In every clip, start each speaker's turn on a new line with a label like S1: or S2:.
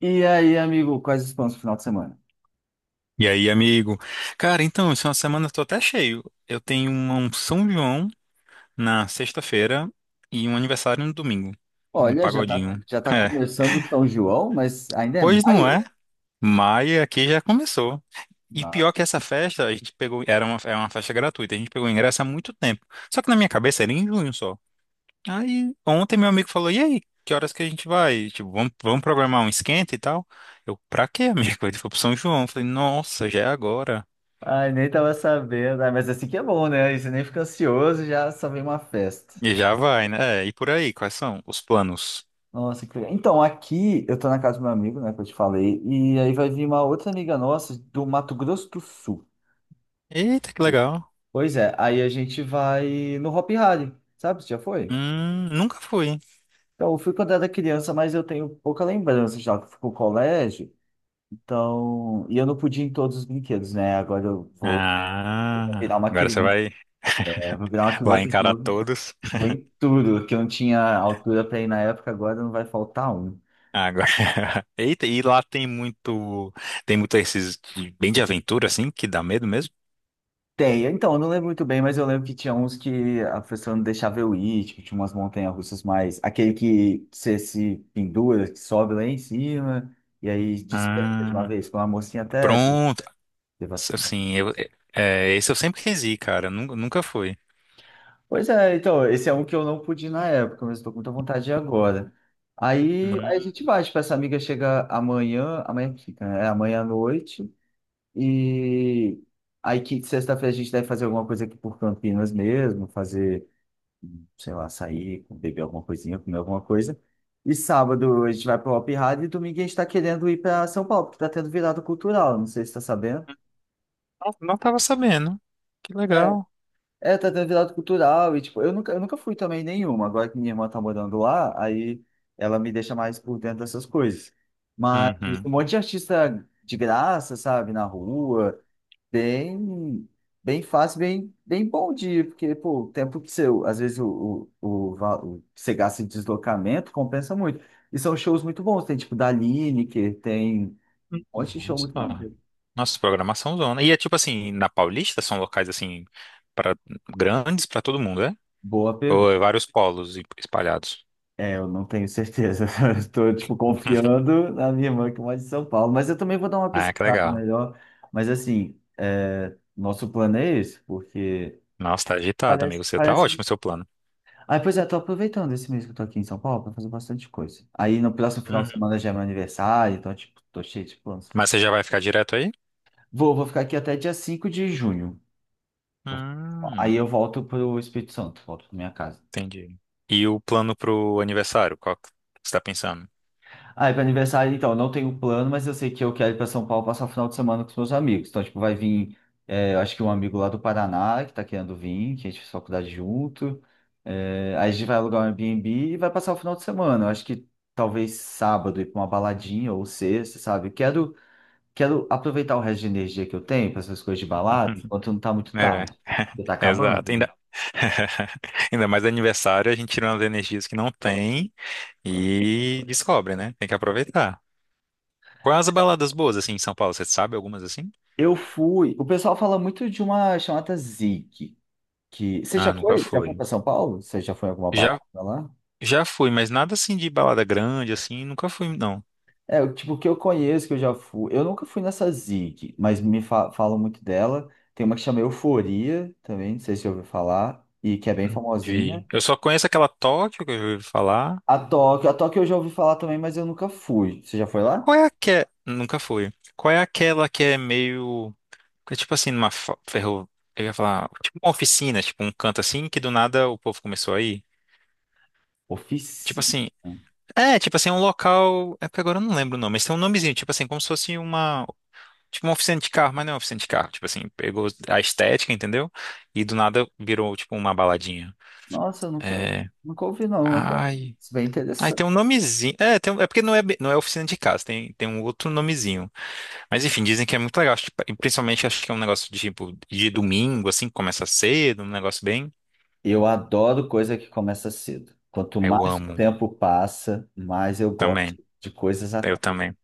S1: E aí, amigo, quais os planos pro final de semana?
S2: E aí, amigo? Cara, então, essa semana eu tô até cheio. Eu tenho um São João na sexta-feira e um aniversário no domingo. Um
S1: Olha, já tá,
S2: pagodinho.
S1: já tá
S2: É,
S1: começando o São João, mas ainda é
S2: pois não
S1: maio?
S2: é, mas aqui já começou. E pior
S1: Nossa.
S2: que essa festa, a gente pegou, era uma, é uma festa gratuita, a gente pegou o ingresso há muito tempo. Só que na minha cabeça era em junho só. Aí, ontem meu amigo falou, e aí, que horas que a gente vai? Tipo, vamos, vamos programar um esquenta e tal? Eu, pra quê, amigo? Ele foi pro São João. Eu falei, nossa, já é agora.
S1: Ai, nem tava sabendo. Ah, mas é assim que é bom, né? Aí você nem fica ansioso, já só vem uma festa.
S2: E já vai, né? É, e por aí, quais são os planos?
S1: Nossa, que legal. Então, aqui eu tô na casa do meu amigo, né, que eu te falei, e aí vai vir uma outra amiga nossa do Mato Grosso do Sul.
S2: Eita, que legal.
S1: Pois é, aí a gente vai no Hopi Hari, sabe? Você já foi?
S2: Nunca fui.
S1: Então, eu fui quando era criança, mas eu tenho pouca lembrança já que fui pro colégio. Então, e eu não podia ir em todos os brinquedos, né? Agora eu vou virar
S2: Ah,
S1: uma
S2: agora você
S1: criança,
S2: vai,
S1: né? Vou virar uma
S2: vai
S1: criança de
S2: encarar
S1: novo.
S2: todos.
S1: Vou em tudo, que eu não tinha altura para ir na época, agora não vai faltar um.
S2: Agora, eita, e lá tem muito esses bem de aventura, assim, que dá medo mesmo?
S1: Tem, então, eu não lembro muito bem, mas eu lembro que tinha uns que a pessoa não deixava eu ir, tipo, tinha umas montanhas-russas mais. Aquele que você se pendura, que sobe lá em cima, e aí despenca de uma
S2: Ah,
S1: vez. Foi uma mocinha até
S2: pronto.
S1: teve um acidente.
S2: Assim, eu, é, esse eu sempre quis ir, cara, nunca fui.
S1: Pois é, então, esse é um que eu não pude ir na época, mas estou com muita vontade de ir agora. Aí a
S2: Hum,
S1: gente vai, tipo, essa amiga chega amanhã, amanhã que fica, né? É amanhã à noite, e aí que sexta-feira a gente deve fazer alguma coisa aqui por Campinas mesmo, fazer, sei lá, sair, beber alguma coisinha, comer alguma coisa. E sábado a gente vai pro Hopi Hari e domingo a gente tá querendo ir para São Paulo, porque tá tendo virada cultural, não sei se tá sabendo.
S2: não, não tava sabendo. Que
S1: É,
S2: legal.
S1: Tá tendo virada cultural e, tipo, eu nunca fui também em nenhuma. Agora que minha irmã tá morando lá, aí ela me deixa mais por dentro dessas coisas. Mas um
S2: Uhum.
S1: monte de artista de graça, sabe, na rua, bem, bem fácil, bem, bem bom dia, porque, pô, o tempo que você, às vezes, o que você gasta em deslocamento compensa muito. E são shows muito bons, tem, tipo, da Lineker, tem um monte de show muito
S2: Nossa.
S1: maneiro.
S2: Nossa, programação zona. E é tipo assim, na Paulista são locais assim para grandes para todo mundo, né?
S1: Boa
S2: Ou é
S1: pergunta.
S2: vários polos espalhados.
S1: É, eu não tenho certeza. Estou, tipo, confiando na minha irmã que mora em São Paulo. Mas eu também vou dar uma
S2: Ah, que
S1: pesquisada
S2: legal.
S1: melhor. Mas, assim, é, nosso plano é esse, porque...
S2: Nossa, tá agitado,
S1: Parece,
S2: amigo. Você tá ótimo
S1: parece...
S2: o seu plano.
S1: Ah, pois é, estou aproveitando esse mês que eu estou aqui em São Paulo para fazer bastante coisa. Aí, no próximo final de
S2: Uhum.
S1: semana já é meu aniversário, então, tipo, tô cheio de planos.
S2: Mas você já vai ficar direto aí?
S1: Vou ficar aqui até dia 5 de junho. Aí
S2: Hum,
S1: eu volto pro Espírito Santo, volto pra minha casa.
S2: entendi. E o plano pro aniversário, qual que você tá pensando?
S1: Ah, é para aniversário, então, eu não tenho plano, mas eu sei que eu quero ir para São Paulo passar o final de semana com os meus amigos. Então, tipo, vai vir, é, eu acho que um amigo lá do Paraná que tá querendo vir, que a gente fez faculdade junto. É, aí a gente vai alugar um Airbnb e vai passar o final de semana. Eu acho que talvez sábado ir para uma baladinha ou sexta, sabe? Quero aproveitar o resto de energia que eu tenho para essas coisas de balada, enquanto não tá muito
S2: É,
S1: tarde. Porque tá
S2: exato.
S1: acabando, né?
S2: Ainda... Ainda mais aniversário, a gente tira umas energias que não tem e descobre, né? Tem que aproveitar. Quais as baladas boas, assim, em São Paulo? Você sabe algumas assim?
S1: Eu fui. O pessoal fala muito de uma chamada Zig. Que... Você já
S2: Ah, nunca
S1: foi? Você já foi
S2: fui.
S1: para São Paulo? Você já foi em alguma balada
S2: Já,
S1: lá?
S2: já fui, mas nada assim de balada grande, assim, nunca fui, não.
S1: É, o tipo, que eu conheço, que eu já fui. Eu nunca fui nessa Zig, mas falam muito dela. Tem uma que chama Euforia também, não sei se você ouviu falar, e que é bem famosinha.
S2: Eu só conheço aquela Tóquio que eu já ouvi falar.
S1: A Tóquio eu já ouvi falar também, mas eu nunca fui. Você já foi lá?
S2: Qual é a que é... Nunca fui. Qual é aquela que é meio, que é tipo assim, numa ferro... Eu ia falar, tipo uma oficina, tipo um canto assim, que do nada o povo começou a ir. Tipo
S1: Oficina.
S2: assim... É, tipo assim, um local... É porque agora eu não lembro o nome, mas tem um nomezinho, tipo assim, como se fosse uma... Tipo uma oficina de carro, mas não é uma oficina de carro. Tipo assim, pegou a estética, entendeu? E do nada virou, tipo, uma baladinha.
S1: Nossa, eu nunca,
S2: É.
S1: nunca ouvi, não. Até.
S2: Ai.
S1: Isso é bem
S2: Ai, tem
S1: interessante.
S2: um nomezinho. É, tem é porque não é, não é oficina de casa, tem um outro nomezinho. Mas enfim, dizem que é muito legal. Acho e principalmente acho que é um negócio de, tipo, de domingo, assim, que começa cedo, um negócio bem.
S1: Eu adoro coisa que começa cedo. Quanto
S2: Eu
S1: mais o
S2: amo
S1: tempo passa, mais eu
S2: também.
S1: gosto de coisas à
S2: Eu
S1: tarde.
S2: também.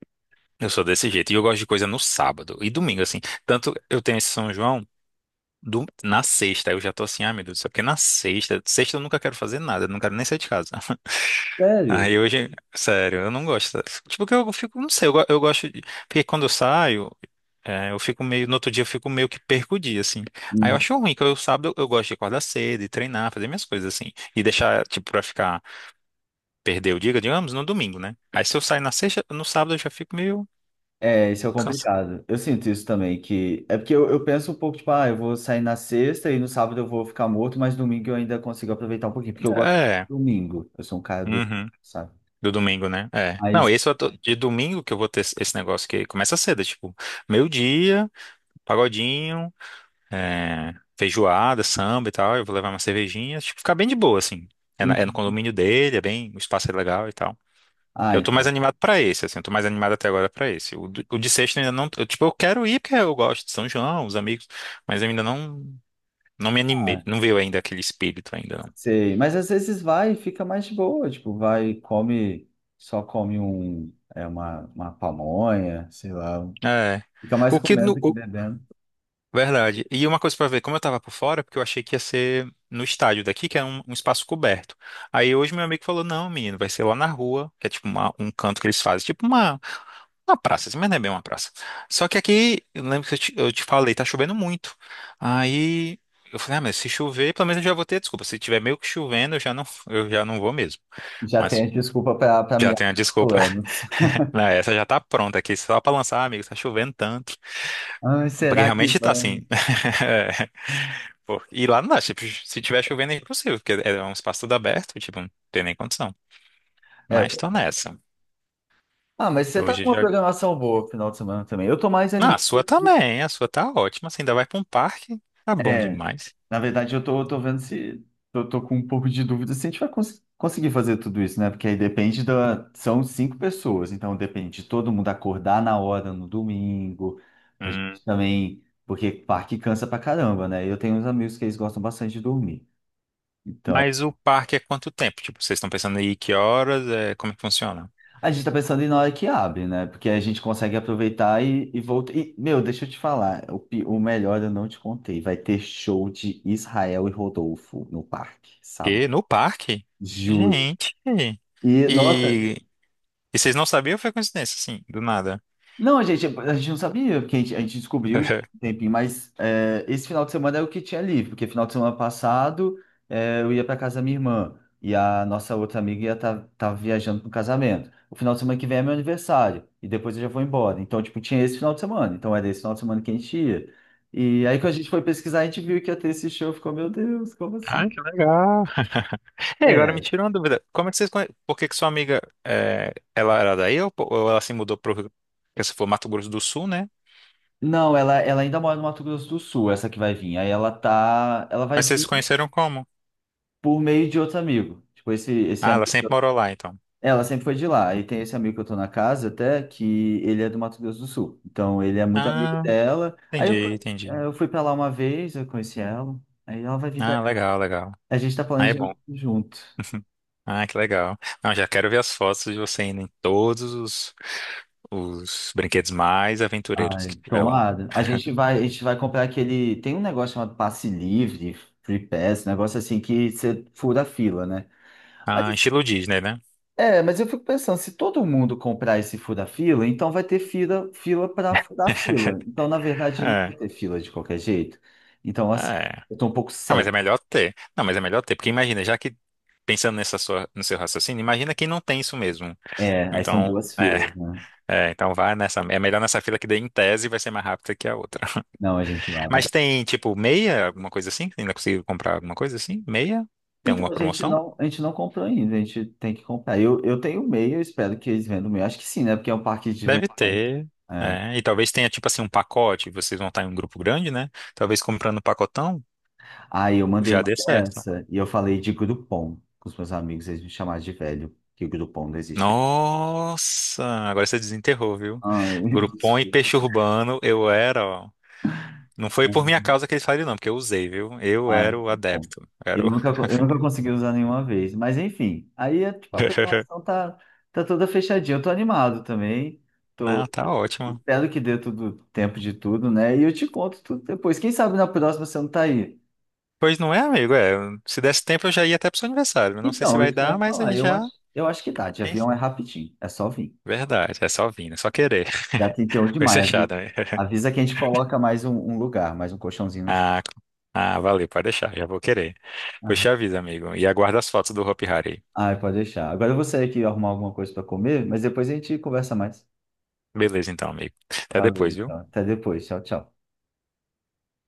S2: Eu sou desse jeito. E eu gosto de coisa no sábado e domingo, assim. Tanto eu tenho esse São João. Na sexta, eu já tô assim, ah, meu Deus, só porque na sexta, sexta eu nunca quero fazer nada, eu não quero nem sair de casa.
S1: Sério?
S2: Aí hoje, sério, eu não gosto. Tipo, que eu fico, não sei, eu, eu gosto de. Porque quando eu saio, é, eu fico meio. No outro dia eu fico meio que perco o dia, assim. Aí eu acho ruim, que eu sábado eu, gosto de acordar cedo e treinar, fazer minhas coisas, assim. E deixar, tipo, pra ficar, perder o dia, digamos, no domingo, né? Aí se eu sair na sexta, no sábado eu já fico meio
S1: É, isso é
S2: cansado.
S1: complicado. Eu sinto isso também, que é porque eu penso um pouco, tipo, ah, eu vou sair na sexta e no sábado eu vou ficar morto, mas domingo eu ainda consigo aproveitar um pouquinho, porque eu gosto
S2: É.
S1: do domingo. Eu sou um cara do,
S2: Uhum.
S1: sabe?
S2: Do domingo, né? É. Não,
S1: Mas,
S2: esse eu de domingo que eu vou ter esse negócio que começa cedo, é tipo, meio-dia, pagodinho, é, feijoada, samba e tal. Eu vou levar uma cervejinha, tipo, ficar bem de boa, assim. É, é no
S1: uhum.
S2: condomínio dele, é bem, o espaço é legal e tal.
S1: Ah,
S2: Eu tô mais
S1: então,
S2: animado pra esse, assim, eu tô mais animado até agora pra esse. O, o de sexta eu ainda não, eu, tipo, eu quero ir porque eu gosto de São João, os amigos, mas eu ainda não, não me animei,
S1: ah,
S2: não veio ainda aquele espírito ainda,
S1: sei. Mas às vezes vai e fica mais de boa, tipo, vai, e come, só come um, é, uma pamonha, sei lá.
S2: não. É.
S1: Fica mais
S2: O que
S1: comendo
S2: no,
S1: do que bebendo.
S2: verdade. E uma coisa pra ver, como eu tava por fora, é porque eu achei que ia ser no estádio daqui, que é um, um espaço coberto. Aí hoje meu amigo falou, não, menino, vai ser lá na rua, que é tipo um canto que eles fazem, tipo uma praça, assim, mas não é bem uma praça. Só que aqui, eu lembro que eu te falei, tá chovendo muito. Aí eu falei, ah, mas se chover, pelo menos eu já vou ter desculpa. Se tiver meio que chovendo, eu já não vou mesmo.
S1: Já tem
S2: Mas
S1: a desculpa para
S2: já
S1: meus
S2: tenho a desculpa.
S1: planos.
S2: Não, essa já tá pronta aqui, só pra lançar, amigo, tá chovendo tanto.
S1: Ah,
S2: Porque
S1: será que
S2: realmente tá
S1: vai?
S2: assim. Pô, e lá não dá, tipo, se tiver chovendo é impossível, porque é um espaço todo aberto, tipo, não tem nem condição.
S1: É,
S2: Mas tô nessa.
S1: ah, mas você tá
S2: Hoje
S1: com uma
S2: já.
S1: programação boa pro final de semana também. Eu tô mais
S2: Não, a
S1: animado.
S2: sua
S1: do-
S2: também, a sua tá ótima. Você ainda vai pra um parque, tá bom
S1: É,
S2: demais.
S1: na verdade, eu tô vendo se. Eu tô com um pouco de dúvida se a gente vai conseguir fazer tudo isso, né? Porque aí depende da. São cinco pessoas, então depende de todo mundo acordar na hora no domingo. A gente
S2: Hum.
S1: também. Porque parque cansa pra caramba, né? Eu tenho uns amigos que eles gostam bastante de dormir. Então,
S2: Mas o parque é quanto tempo? Tipo, vocês estão pensando aí que horas, é, como é que funciona?
S1: a gente tá pensando em na hora que abre, né? Porque a gente consegue aproveitar e voltar. E, meu, deixa eu te falar, o, o melhor eu não te contei. Vai ter show de Israel e Rodolfo no parque, sábado.
S2: E no parque?
S1: Juro.
S2: Gente.
S1: E, nossa,
S2: E, e vocês não sabiam ou foi coincidência, assim, do nada?
S1: não, a gente não sabia, porque a gente descobriu já há um tempinho, mas é, esse final de semana é o que tinha livre, porque final de semana passado é, eu ia para casa da minha irmã e a nossa outra amiga ia estar viajando para o casamento. O final de semana que vem é meu aniversário e depois eu já vou embora. Então, tipo, tinha esse final de semana, então era esse final de semana que a gente ia. E aí, quando a gente foi pesquisar, a gente viu que ia ter esse show, ficou, meu Deus, como assim?
S2: Ah, que legal. E agora me
S1: É,
S2: tira uma dúvida. Como é que vocês conhe... Por que que sua amiga, é, ela era daí ou, ou ela se mudou para se for Mato Grosso do Sul, né?
S1: não, ela ainda mora no Mato Grosso do Sul, essa que vai vir. Aí ela tá, ela vai
S2: Mas vocês se
S1: vir.
S2: conheceram como?
S1: Por meio de outro amigo. Tipo, esse
S2: Ah, ela sempre
S1: amigo.
S2: morou lá, então.
S1: Ela sempre foi de lá. E tem esse amigo que eu tô na casa até, que ele é do Mato Grosso do Sul. Então, ele é muito amigo
S2: Ah,
S1: dela.
S2: é,
S1: Aí eu fui,
S2: entendi, entendi.
S1: é, eu fui pra lá uma vez, eu conheci ela. Aí ela vai vir pra
S2: Ah,
S1: cá.
S2: legal, legal.
S1: A gente tá
S2: Ah, é bom.
S1: planejando junto.
S2: Ah, que legal. Não, já quero ver as fotos de você indo em todos os brinquedos mais aventureiros
S1: Ai,
S2: que tiver lá.
S1: tomada. A gente vai comprar aquele. Tem um negócio chamado passe livre, free pass, um negócio assim que você fura a fila, né? Mas
S2: Ah,
S1: assim,
S2: estilo Disney, né?
S1: é, mas eu fico pensando, se todo mundo comprar esse fura-fila, então vai ter fila, fila para furar fila. Então, na verdade, não vai
S2: É,
S1: ter fila de qualquer jeito. Então, assim,
S2: é.
S1: eu tô um pouco
S2: Ah, mas é
S1: cético.
S2: melhor ter. Não, mas é melhor ter, porque imagina, já que pensando nessa sua, no seu raciocínio, imagina quem não tem isso mesmo.
S1: É, aí são
S2: Então,
S1: duas
S2: é,
S1: filas, né?
S2: é, então vá nessa, é melhor nessa fila que daí em tese vai ser mais rápida que a outra.
S1: Não, a gente lava.
S2: Mas tem tipo meia, alguma coisa assim? Você ainda consigo comprar alguma coisa assim? Meia? Tem
S1: Então,
S2: alguma promoção?
S1: a gente não comprou ainda, a gente tem que comprar. Eu tenho o meio, eu espero que eles vendam o meio. Acho que sim, né? Porque é um parque de
S2: Deve
S1: diversão.
S2: ter.
S1: É.
S2: É, e talvez tenha tipo assim um pacote, vocês vão estar em um grupo grande, né? Talvez comprando um pacotão
S1: Aí eu mandei
S2: já
S1: uma
S2: dê certo.
S1: dessa e eu falei de Groupon com os meus amigos, eles me chamaram de velho, que o Groupon não existe.
S2: Nossa, agora você desenterrou, viu?
S1: Ah, eu
S2: Groupon e
S1: desculpa.
S2: peixe urbano, eu era, ó. Não foi por minha causa que eles faliram, não, porque eu usei, viu? Eu era
S1: Ai,
S2: o
S1: bom.
S2: adepto.
S1: Eu
S2: Era o...
S1: nunca, eu nunca consegui usar nenhuma vez. Mas enfim, aí é, tipo, a programação tá, tá toda fechadinha. Eu tô animado também.
S2: Não,
S1: Tô,
S2: tá ótimo.
S1: espero que dê tudo tempo de tudo, né? E eu te conto tudo depois. Quem sabe na próxima você não tá aí.
S2: Pois não é, amigo? É, se desse tempo eu já ia até pro seu aniversário. Eu não sei se
S1: Então,
S2: vai
S1: isso que eu ia
S2: dar, mas a
S1: falar.
S2: gente
S1: Eu
S2: já.
S1: acho, eu acho que dá. De
S2: Quem-
S1: avião é rapidinho. É só vir.
S2: verdade, é só vir, é só querer.
S1: Já 31 de
S2: Foi
S1: maio.
S2: fechado, né?
S1: Avisa que a gente coloca mais um, um lugar, mais um colchãozinho no chão.
S2: Ah, ah, valeu, pode deixar, já vou querer. Pois
S1: Ah,
S2: te aviso, amigo. E aguarda as fotos do Hopi Hari.
S1: ai, pode deixar. Agora eu vou sair aqui arrumar alguma coisa para comer, mas depois a gente conversa mais.
S2: Beleza, então, amigo. Até
S1: Valeu,
S2: depois, viu?
S1: então. Até depois. Tchau, tchau.